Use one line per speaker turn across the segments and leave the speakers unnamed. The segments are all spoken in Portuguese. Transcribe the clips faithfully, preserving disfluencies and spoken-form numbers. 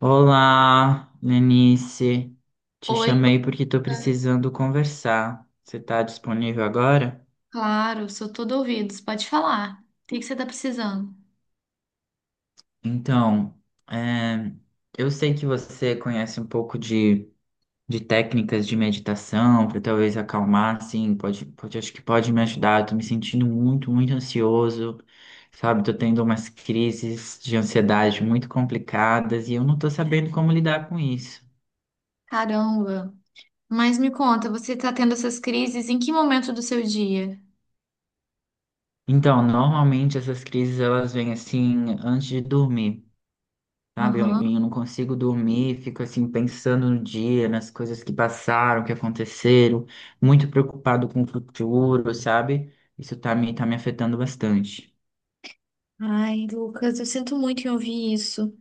Olá, Lenice. Te
Oi,
chamei
Lucas,
porque estou precisando conversar. Você está disponível agora?
claro, sou todo ouvidos. Pode falar. O que que você está precisando?
Então, é, eu sei que você conhece um pouco de, de técnicas de meditação para talvez acalmar, assim, pode, pode, acho que pode me ajudar. Eu tô me sentindo muito, muito ansioso, sabe? Tô tendo umas crises de ansiedade muito complicadas e eu não tô sabendo como lidar com isso.
Caramba. Mas me conta, você está tendo essas crises em que momento do seu dia?
Então, normalmente essas crises elas vêm assim antes de dormir, sabe? Eu,
Aham.
eu não consigo dormir, fico assim pensando no dia, nas coisas que passaram, que aconteceram, muito preocupado com o futuro, sabe? Isso tá me, tá me afetando bastante.
Ai, Lucas, eu sinto muito em ouvir isso.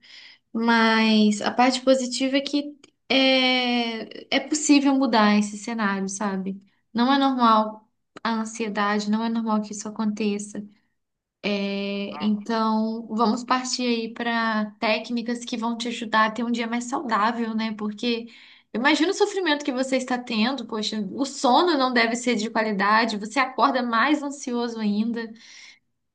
Mas a parte positiva é que é, é possível mudar esse cenário, sabe? Não é normal a ansiedade, não é normal que isso aconteça. É, então, vamos partir aí para técnicas que vão te ajudar a ter um dia mais saudável, né? Porque eu imagino o sofrimento que você está tendo, poxa, o sono não deve ser de qualidade, você acorda mais ansioso ainda.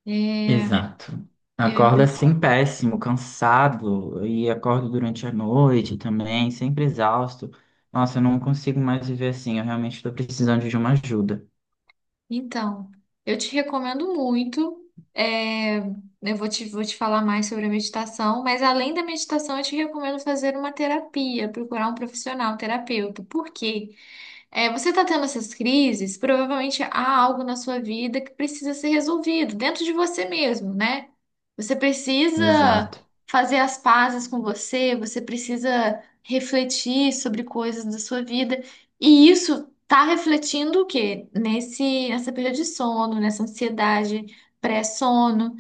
É,
Exato.
eu
Acorda assim
imagino.
péssimo, cansado, e acordo durante a noite também, sempre exausto. Nossa, eu não consigo mais viver assim, eu realmente estou precisando de uma ajuda.
Então, eu te recomendo muito. É, eu vou te, vou te falar mais sobre a meditação, mas além da meditação, eu te recomendo fazer uma terapia, procurar um profissional, um terapeuta. Por quê? É, você está tendo essas crises, provavelmente há algo na sua vida que precisa ser resolvido dentro de você mesmo, né? Você precisa
Exato.
fazer as pazes com você, você precisa refletir sobre coisas da sua vida, e isso está refletindo o quê? Nesse, nessa perda de sono, nessa ansiedade pré-sono.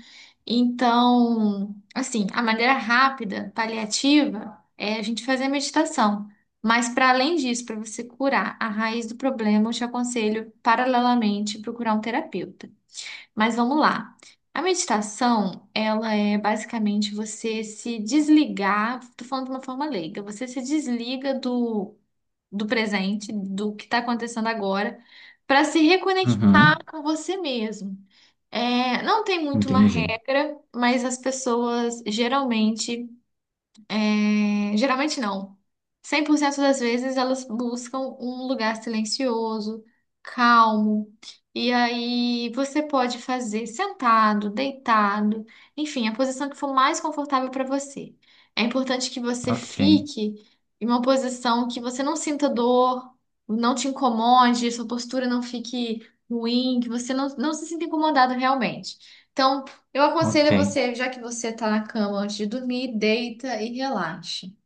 Então, assim, a maneira rápida, paliativa, é a gente fazer a meditação. Mas para além disso, para você curar a raiz do problema, eu te aconselho paralelamente procurar um terapeuta. Mas vamos lá. A meditação, ela é basicamente você se desligar, tô falando de uma forma leiga, você se desliga do, do presente, do que está acontecendo agora, para se reconectar
Uhum,
com você mesmo. É, não tem muito uma
entendi.
regra, mas as pessoas geralmente é, geralmente não. cem por cento das vezes elas buscam um lugar silencioso, calmo. E aí você pode fazer sentado, deitado, enfim, a posição que for mais confortável para você. É importante que você
Ok.
fique em uma posição que você não sinta dor, não te incomode, sua postura não fique ruim, que você não, não se sinta incomodado realmente. Então, eu aconselho
Ok.
você, já que você tá na cama antes de dormir, deita e relaxe.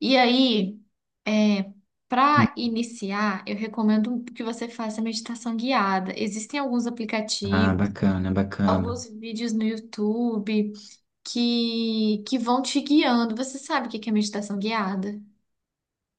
E aí, é,
Hum,
para iniciar, eu recomendo que você faça meditação guiada. Existem alguns
ah,
aplicativos,
bacana, bacana.
alguns vídeos no YouTube que, que vão te guiando. Você sabe o que que é meditação guiada?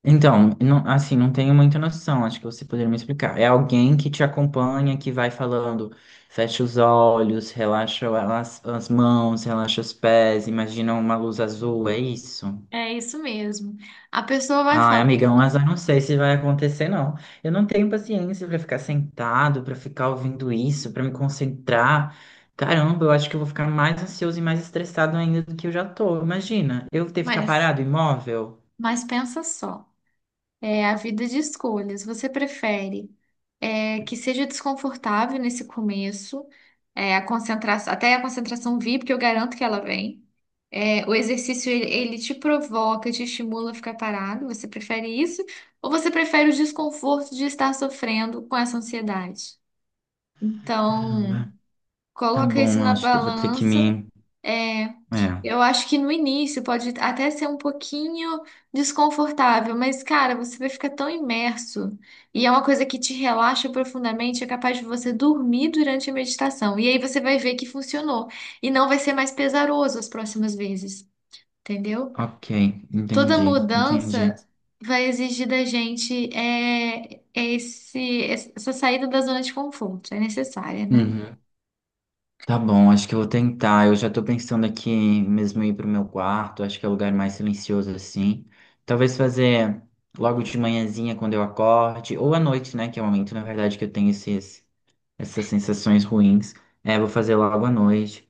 Então, não- assim, não tenho muita noção, acho que você poderia me explicar. É alguém que te acompanha, que vai falando, fecha os olhos, relaxa as, as mãos, relaxa os pés, imagina uma luz azul, é isso?
É isso mesmo. A pessoa vai
Ai,
falar,
amigão, mas eu não sei se vai acontecer, não. Eu não tenho paciência pra ficar sentado, pra ficar ouvindo isso, pra me concentrar. Caramba, eu acho que eu vou ficar mais ansioso e mais estressado ainda do que eu já tô. Imagina, eu ter que ficar
mas,
parado, imóvel.
mas pensa só. É a vida de escolhas. Você prefere é, que seja desconfortável nesse começo, é, a concentração, até a concentração vir, porque eu garanto que ela vem. É, o exercício ele, ele te provoca, te estimula a ficar parado. Você prefere isso? Ou você prefere o desconforto de estar sofrendo com essa ansiedade? Então,
Caramba. Tá
coloca isso
bom, eu
na
acho que eu vou ter que
balança.
me.
É,
É.
eu acho que no início pode até ser um pouquinho desconfortável, mas cara, você vai ficar tão imerso e é uma coisa que te relaxa profundamente, é capaz de você dormir durante a meditação. E aí você vai ver que funcionou e não vai ser mais pesaroso as próximas vezes, entendeu?
Ok,
Toda
entendi,
mudança
entendi.
vai exigir da gente é, é esse, essa saída da zona de conforto, é necessária, né?
Uhum. Tá bom, acho que eu vou tentar. Eu já tô pensando aqui mesmo ir pro meu quarto, acho que é o lugar mais silencioso assim. Talvez fazer logo de manhãzinha quando eu acorde, ou à noite, né? Que é o momento, na verdade, que eu tenho esses essas sensações ruins. É, vou fazer logo à noite.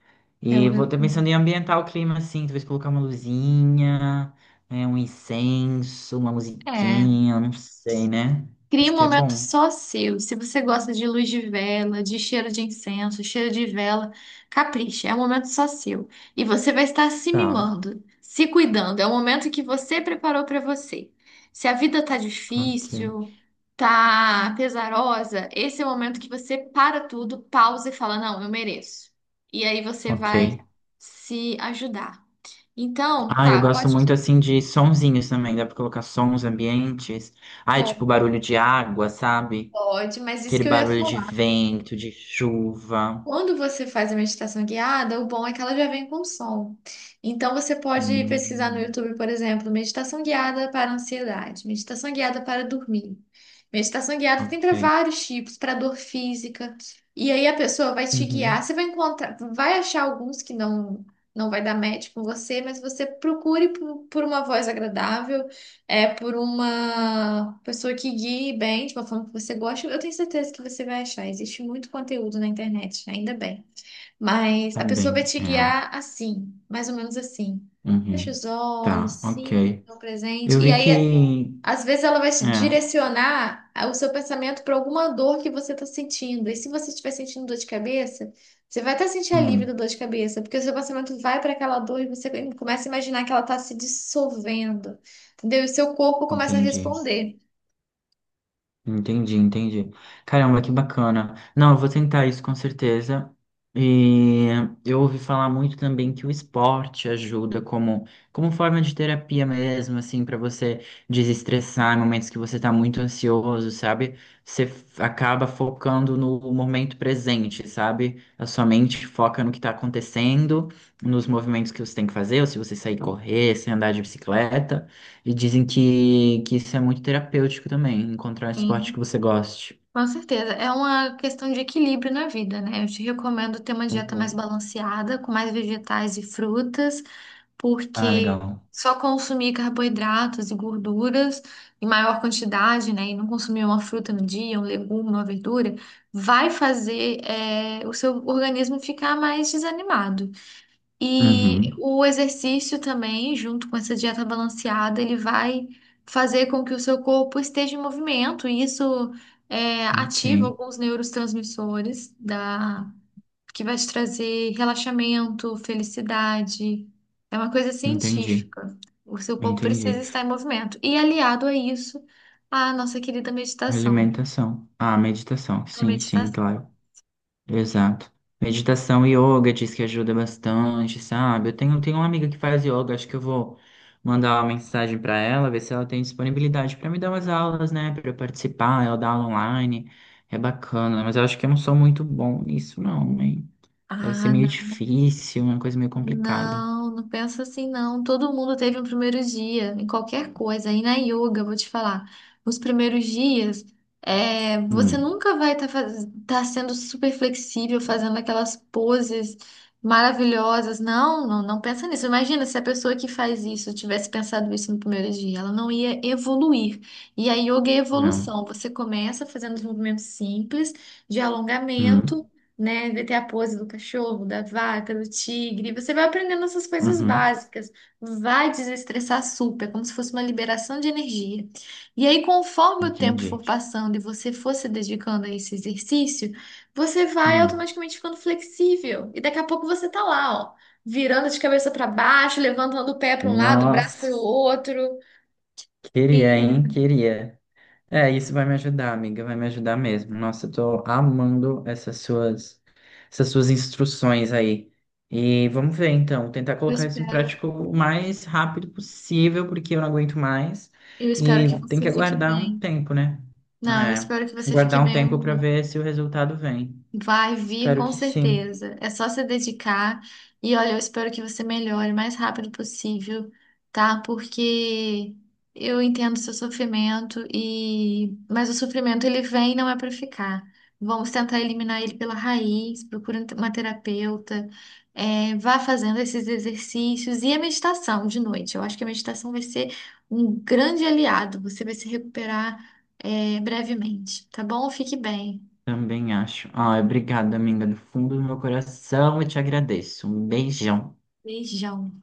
Eu
E vou estar pensando em
recomendo.
ambientar o clima assim, talvez colocar uma luzinha, né, um incenso, uma
É.
musiquinha, não sei, né?
Crie
Acho
um
que é
momento
bom.
só seu. Se você gosta de luz de vela, de cheiro de incenso, cheiro de vela, capricha, é um momento só seu. E você vai estar se
Tá,
mimando, se cuidando. É o momento que você preparou para você. Se a vida tá
ok,
difícil, tá pesarosa, esse é o momento que você para tudo, pausa e fala: Não, eu mereço. E aí você
ok.
vai se ajudar. Então,
Ah, eu
tá,
gosto
pode.
muito assim de sonzinhos também, dá pra colocar sons ambientes. Ah, é tipo barulho de água, sabe?
Pode, mas isso
Aquele
que eu ia
barulho de
falar.
vento, de chuva.
Quando você faz a meditação guiada, o bom é que ela já vem com som. Então você pode pesquisar no
Hum,
YouTube, por exemplo, meditação guiada para ansiedade, meditação guiada para dormir. Meditação guiada tem para
ok.
vários tipos, para dor física. E aí a pessoa vai te guiar,
Uhum.
você vai encontrar, vai achar alguns que não não vai dar match com você, mas você procure por, por uma voz agradável é por uma pessoa que guie bem, de uma forma que você gosta, eu tenho certeza que você vai achar. Existe muito conteúdo na internet, ainda bem. Mas a pessoa vai
Também,
te
é.
guiar assim, mais ou menos assim. Fecha
Uhum.
os olhos,
Tá,
sim,
ok.
no presente.
Eu
E
vi
aí
que.
às vezes ela vai te
É,
direcionar a- o seu pensamento para alguma dor que você está sentindo. E se você estiver sentindo dor de cabeça, você vai até sentir alívio da
hum,
dor de cabeça, porque o seu pensamento vai para aquela dor e você começa a imaginar que ela está se dissolvendo, entendeu? E o seu corpo começa a
entendi.
responder.
Entendi, entendi. Caramba, que bacana. Não, eu vou tentar isso com certeza. E eu ouvi falar muito também que o esporte ajuda como, como forma de terapia mesmo, assim, para você desestressar em momentos que você tá muito ansioso, sabe? Você f- acaba focando no momento presente, sabe? A sua mente foca no que tá acontecendo, nos movimentos que você tem que fazer, ou se você sair correr, se andar de bicicleta. E dizem que, que isso é muito terapêutico também, encontrar um esporte que
Sim.
você goste.
Com certeza. É uma questão de equilíbrio na vida, né? Eu te recomendo ter uma dieta mais
Uhum.
balanceada, com mais vegetais e frutas,
Ah,
porque
legal.
só consumir carboidratos e gorduras em maior quantidade, né? E não consumir uma fruta no dia, um legume, uma verdura, vai fazer, eh, o seu organismo ficar mais desanimado. E
Uhum.
o exercício também, junto com essa dieta balanceada, ele vai fazer com que o seu corpo esteja em movimento, e isso é,
Ok.
ativa alguns neurotransmissores da... que vai te trazer relaxamento, felicidade. É uma coisa
Entendi.
científica. O seu corpo precisa
Entendi.
estar em movimento. E aliado a isso, a nossa querida meditação.
Alimentação. Ah, meditação.
A
Sim, sim,
meditação.
claro. Exato. Meditação e yoga diz que ajuda bastante, sabe? Eu tenho, tenho uma amiga que faz yoga, acho que eu vou mandar uma mensagem para ela, ver se ela tem disponibilidade para me dar umas aulas, né? Para eu participar, ela dá aula online. É bacana, mas eu acho que eu não sou muito bom nisso, não, hein? Deve ser
Ah,
meio
não.
difícil, uma coisa meio complicada.
Não, não pensa assim, não. Todo mundo teve um primeiro dia em qualquer coisa. E na yoga, vou te falar, os primeiros dias, é, você
Hum,
nunca vai estar sendo super flexível, fazendo aquelas poses maravilhosas. Não, não, não pensa nisso. Imagina se a pessoa que faz isso tivesse pensado isso no primeiro dia, ela não ia evoluir. E a yoga é
não.
evolução. Você começa fazendo os movimentos simples de alongamento,
Hum,
né? Vai ter a pose do cachorro, da vaca, do tigre. Você vai aprendendo essas coisas
uhum,
básicas. Vai desestressar super, como se fosse uma liberação de energia. E aí, conforme o tempo
entendi.
for passando e você for se dedicando a esse exercício, você vai
Hum,
automaticamente ficando flexível. E daqui a pouco você tá lá, ó, virando de cabeça para baixo, levantando o pé para um lado, o braço para
nossa,
o outro.
queria, hein?
E
Queria. É, isso vai me ajudar, amiga, vai me ajudar mesmo. Nossa, eu tô amando essas suas, essas suas instruções aí. E vamos ver, então, tentar
eu
colocar isso em
espero,
prática o mais rápido possível, porque eu não aguento mais.
eu espero que
E tem
você
que
fique
aguardar um
bem.
tempo, né?
Não, eu
É,
espero que você fique
aguardar um
bem.
tempo para ver se o resultado vem.
Vai vir
Espero
com
que sim.
certeza. É só se dedicar. E olha, eu espero que você melhore o mais rápido possível, tá? Porque eu entendo seu sofrimento e mas o sofrimento ele vem e não é para ficar. Vamos tentar eliminar ele pela raiz, procura uma terapeuta, é, vá fazendo esses exercícios e a meditação de noite. Eu acho que a meditação vai ser um grande aliado. Você vai se recuperar, é, brevemente, tá bom? Fique bem.
Também acho. Ah, obrigada, amiga, do fundo do meu coração, eu te agradeço. Um beijão.
Beijão.